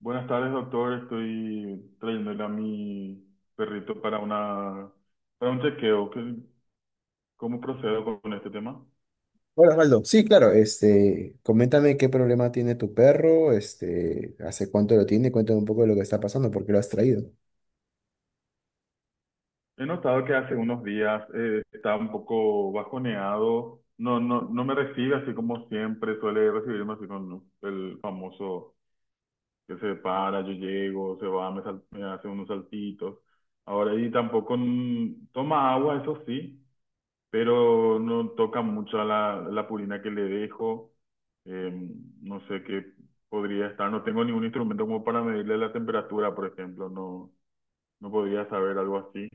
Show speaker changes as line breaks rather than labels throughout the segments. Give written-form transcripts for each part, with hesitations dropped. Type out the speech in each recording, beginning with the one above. Buenas tardes, doctor. Estoy trayéndole a mi perrito para un chequeo. ¿Cómo procedo con este tema?
Hola, Osvaldo. Sí, claro, coméntame qué problema tiene tu perro, hace cuánto lo tiene, cuéntame un poco de lo que está pasando, por qué lo has traído.
He notado que hace unos días está un poco bajoneado. No me recibe así como siempre. Suele recibirme así con el famoso que se para, yo llego, se va, me hace unos saltitos. Ahora y tampoco toma agua, eso sí, pero no toca mucho a la purina que le dejo. Eh, no sé qué podría estar. No tengo ningún instrumento como para medirle la temperatura, por ejemplo. No, no podría saber algo así.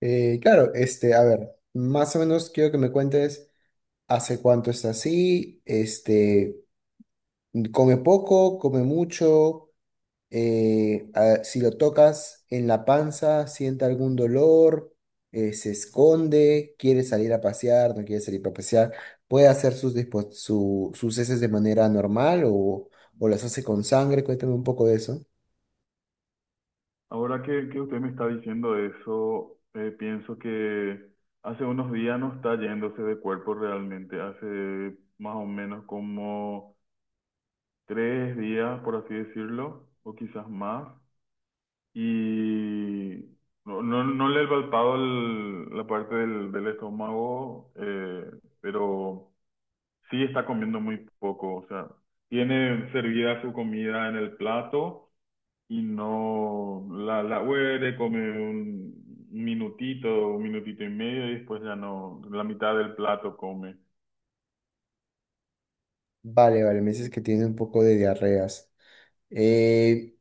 Claro, a ver, más o menos quiero que me cuentes hace cuánto está así, come poco, come mucho, si lo tocas en la panza, siente algún dolor, se esconde, quiere salir a pasear, no quiere salir a pasear, puede hacer sus, sus heces de manera normal o las hace con sangre. Cuéntame un poco de eso.
Ahora que usted me está diciendo eso, pienso que hace unos días no está yéndose de cuerpo realmente. Hace más o menos como tres días, por así decirlo, o quizás más. Y no le he palpado la parte del estómago, pero sí está comiendo muy poco, o sea, tiene servida su comida en el plato y no la huele, come un minutito y medio y después ya no, la mitad del plato come.
Vale, vale, me dices que tiene un poco de diarreas. Eh,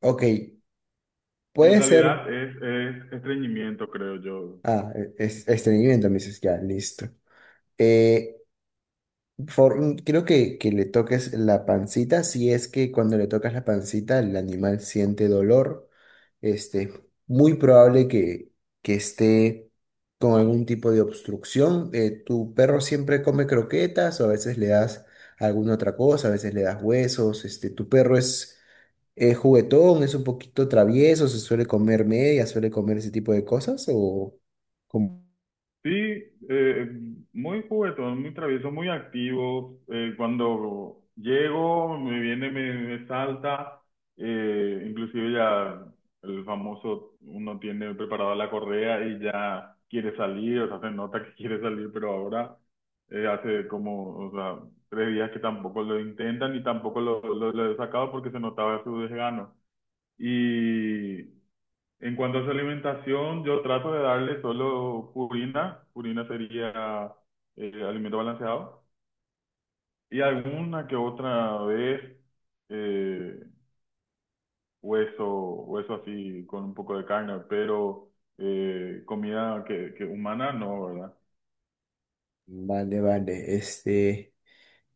ok,
En
puede ser...
realidad es estreñimiento, creo yo.
Ah, estreñimiento, me dices, ya, listo. Creo que le toques la pancita. Si es que cuando le tocas la pancita el animal siente dolor, este, muy probable que esté con algún tipo de obstrucción. Tu perro siempre come croquetas o a veces le das alguna otra cosa, a veces le das huesos. Tu perro es juguetón, es un poquito travieso, se suele comer media, suele comer ese tipo de cosas o...
Sí, eh, muy juguetón, muy travieso, muy activo. Cuando llego, me viene, me salta. Inclusive ya el famoso, uno tiene preparada la correa y ya quiere salir, o sea, se nota que quiere salir, pero ahora hace como, o sea, tres días que tampoco lo intentan y tampoco lo he sacado porque se notaba su desgano. Y en cuanto a su alimentación, yo trato de darle solo purina. Purina sería alimento balanceado. Y alguna que otra vez eh, hueso, hueso así con un poco de carne, pero comida que humana no, ¿verdad?
Vale, vale,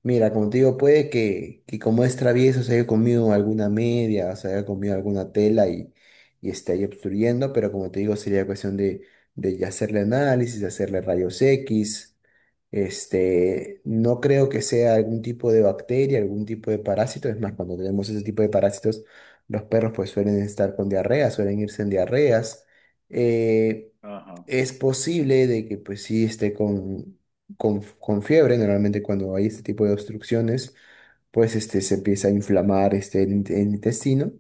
Mira, como te digo, puede que como es travieso se haya comido alguna media, o se haya comido alguna tela y esté ahí obstruyendo, pero como te digo, sería cuestión de hacerle análisis, de hacerle rayos X. No creo que sea algún tipo de bacteria, algún tipo de parásito. Es más, cuando tenemos ese tipo de parásitos, los perros pues suelen estar con diarrea, suelen irse en diarreas. Eh,
Ajá.
es posible de que pues sí esté con fiebre. Normalmente cuando hay este tipo de obstrucciones, pues se empieza a inflamar el intestino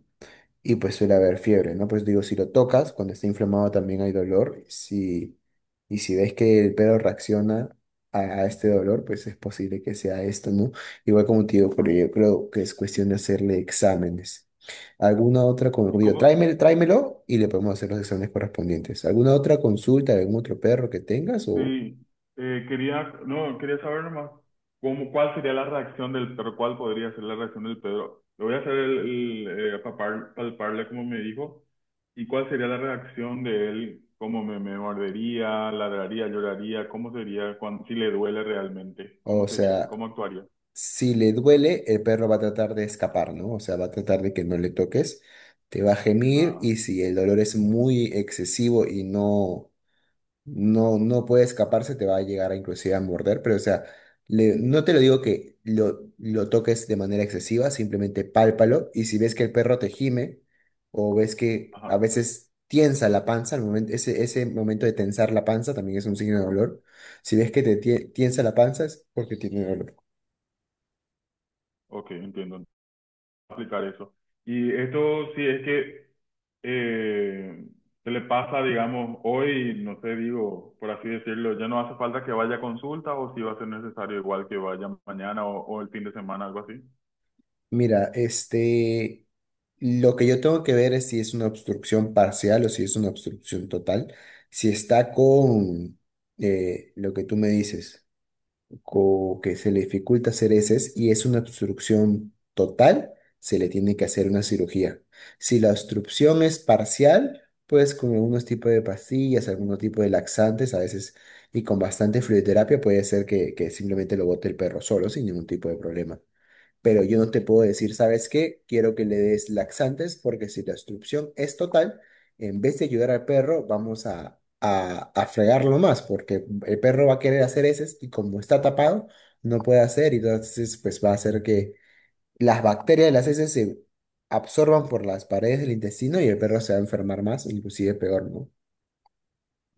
y pues suele haber fiebre, ¿no? Pues digo, si lo tocas, cuando está inflamado también hay dolor. Si, y si ves que el perro reacciona a este dolor, pues es posible que sea esto, ¿no? Igual como te digo, pero yo creo que es cuestión de hacerle exámenes. ¿Alguna otra, como
¿Y
digo,
cómo?
tráeme, tráemelo y le podemos hacer los exámenes correspondientes? ¿Alguna otra consulta de algún otro perro que tengas o...
Sí, quería, no, quería saber nomás cómo, cuál sería la reacción del perro, cuál podría ser la reacción del perro. Le voy a hacer palparle como me dijo, y cuál sería la reacción de él, cómo me mordería, ladraría, lloraría, cómo sería, cuando, si le duele realmente,
O
cómo sería,
sea,
cómo actuaría.
si le duele, el perro va a tratar de escapar, ¿no? O sea, va a tratar de que no le toques, te va a gemir.
Ah,
Y si el dolor es muy excesivo y no, no puede escaparse, te va a llegar a inclusive a morder, pero o sea, no te lo digo que lo toques de manera excesiva, simplemente pálpalo. Y si ves que el perro te gime o ves que a
ajá,
veces tiensa la panza, el momento, ese momento de tensar la panza también es un signo de dolor. Si ves que te tiensa la panza es porque tiene dolor.
ok, entiendo, aplicar eso. Y esto sí es que eh, se le pasa, digamos, hoy, no sé, digo, por así decirlo, ya no hace falta que vaya a consulta o si va a ser necesario igual que vaya mañana o el fin de semana, algo así.
Mira, lo que yo tengo que ver es si es una obstrucción parcial o si es una obstrucción total. Si está con lo que tú me dices, que se le dificulta hacer heces y es una obstrucción total, se le tiene que hacer una cirugía. Si la obstrucción es parcial, pues con algunos tipos de pastillas, algunos tipos de laxantes, a veces y con bastante fluidoterapia puede ser que simplemente lo bote el perro solo sin ningún tipo de problema. Pero yo no te puedo decir, ¿sabes qué? Quiero que le des laxantes, porque si la obstrucción es total, en vez de ayudar al perro, vamos a, a fregarlo más, porque el perro va a querer hacer heces y como está tapado, no puede hacer y entonces pues va a hacer que las bacterias de las heces se absorban por las paredes del intestino y el perro se va a enfermar más, inclusive peor, ¿no?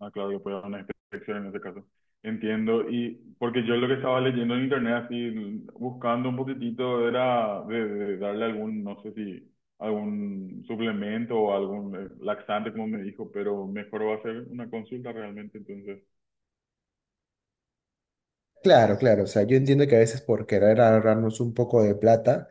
Ah, claro, que puede haber una inspección en ese caso. Entiendo, y porque yo lo que estaba leyendo en internet, así, buscando un poquitito, era de darle algún, no sé si, algún suplemento o algún laxante, como me dijo, pero mejor va a ser una consulta realmente, entonces.
Claro, claro. O sea, yo entiendo que a veces por querer ahorrarnos un poco de plata,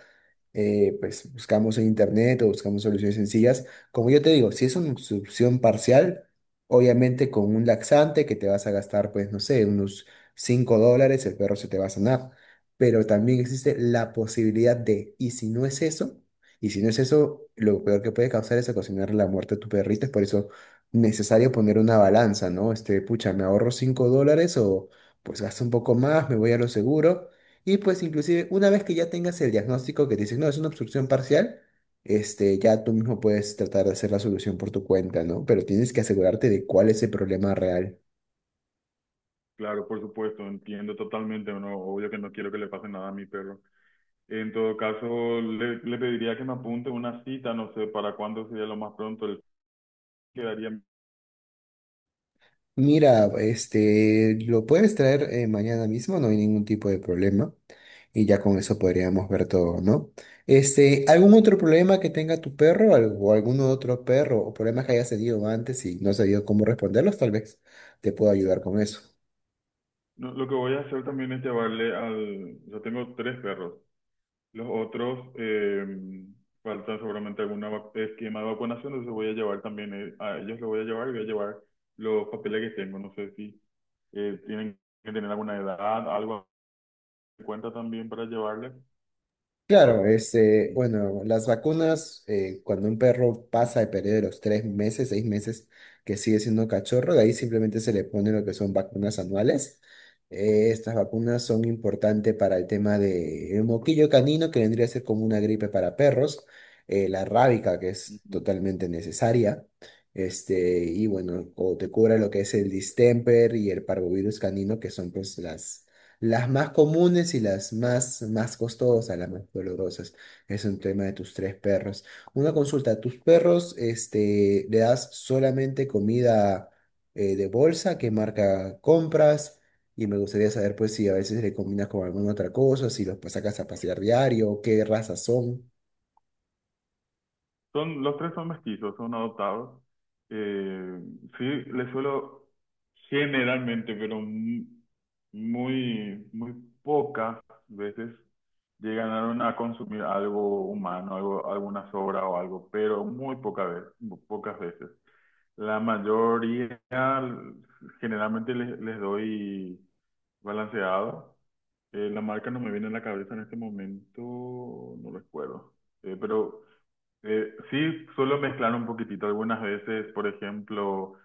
pues buscamos en internet o buscamos soluciones sencillas. Como yo te digo, si es una solución parcial, obviamente con un laxante que te vas a gastar, pues no sé, unos $5, el perro se te va a sanar. Pero también existe la posibilidad de, y si no es eso, y si no es eso, lo peor que puede causar es ocasionar la muerte a tu perrito. Es por eso necesario poner una balanza, ¿no? Pucha, ¿me ahorro $5 o pues gasto un poco más, me voy a lo seguro? Y pues inclusive una vez que ya tengas el diagnóstico que te dicen, no, es una obstrucción parcial, ya tú mismo puedes tratar de hacer la solución por tu cuenta, ¿no? Pero tienes que asegurarte de cuál es el problema real.
Claro, por supuesto, entiendo totalmente, no, obvio que no quiero que le pase nada a mi perro. En todo caso, le pediría que me apunte una cita, no sé para cuándo sería lo más pronto. Él quedaría.
Mira, lo puedes traer mañana mismo, no hay ningún tipo de problema. Y ya con eso podríamos ver todo, ¿no? ¿Algún otro problema que tenga tu perro o algún otro perro o problemas que hayas tenido antes y no sabido cómo responderlos? Tal vez te puedo ayudar con eso.
No, lo que voy a hacer también es llevarle al. Yo tengo tres perros. Los otros faltan seguramente algún esquema de vacunación, entonces voy a llevar también a ellos. Lo voy a llevar y voy a llevar los papeles que tengo. No sé si tienen que tener alguna edad, algo en cuenta también para llevarles.
Claro, bueno, las vacunas, cuando un perro pasa el periodo de los 3 meses, 6 meses, que sigue siendo cachorro, de ahí simplemente se le pone lo que son vacunas anuales. Estas vacunas son importantes para el tema del moquillo canino, que vendría a ser como una gripe para perros, la rábica, que es
Ujú.
totalmente necesaria, y bueno, o te cura lo que es el distemper y el parvovirus canino, que son pues las más comunes y las más, más costosas, las más dolorosas. Es un tema de tus tres perros. Una consulta, ¿tus perros, le das solamente comida de bolsa? ¿Qué marca compras? Y me gustaría saber, pues, si a veces le combinas con alguna otra cosa, si los sacas a pasear diario, qué razas son.
Son, los tres son mestizos, son adoptados. Eh, sí, les suelo generalmente, pero muy, muy pocas veces llegaron a consumir algo humano, algo, alguna sobra o algo, pero muy poca vez, muy pocas veces. La mayoría, generalmente les doy balanceado. La marca no me viene a la cabeza en este momento, no recuerdo. Pero sí, suelo mezclar un poquitito. Algunas veces, por ejemplo,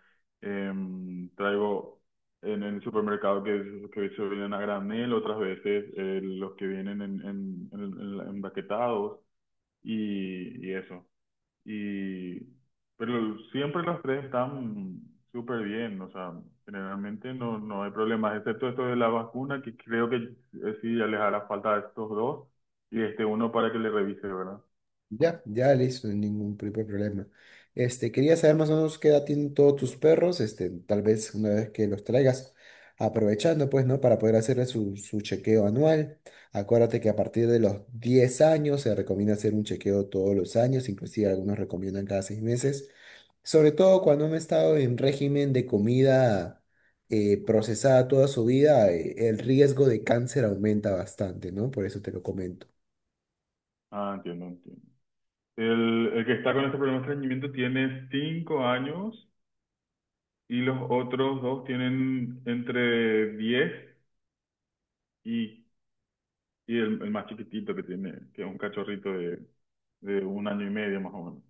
traigo en el supermercado que se vienen a granel, otras veces los que vienen empaquetados y eso. Y, pero siempre los tres están súper bien, o sea, generalmente no, no hay problemas, excepto esto de la vacuna, que creo que sí ya les hará falta a estos dos y este uno para que le revise, ¿verdad?
Ya, ya listo, sin ningún tipo de problema. Quería saber más o menos qué edad tienen todos tus perros, tal vez una vez que los traigas, aprovechando pues, ¿no? Para poder hacerle su, su chequeo anual. Acuérdate que a partir de los 10 años se recomienda hacer un chequeo todos los años, inclusive algunos recomiendan cada 6 meses. Sobre todo cuando han estado en régimen de comida procesada toda su vida. Eh, el riesgo de cáncer aumenta bastante, ¿no? Por eso te lo comento.
Ah, entiendo, entiendo. El que está con este problema de estreñimiento tiene 5 años y los otros dos tienen entre 10 y, y el más chiquitito que tiene, que es un cachorrito de 1 año y medio más o menos.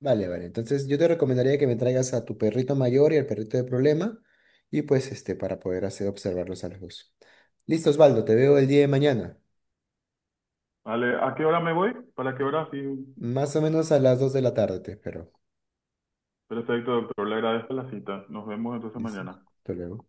Vale, vale. Entonces yo te recomendaría que me traigas a tu perrito mayor y al perrito de problema y pues para poder hacer observarlos a los dos. Listo, Osvaldo, te veo el día de mañana.
Vale, ¿a qué hora me voy? ¿Para qué hora? Sí,
Más o menos a las 2 de la tarde te espero.
perfecto, doctor. Le agradezco la cita. Nos vemos entonces
Listo.
mañana.
Hasta luego.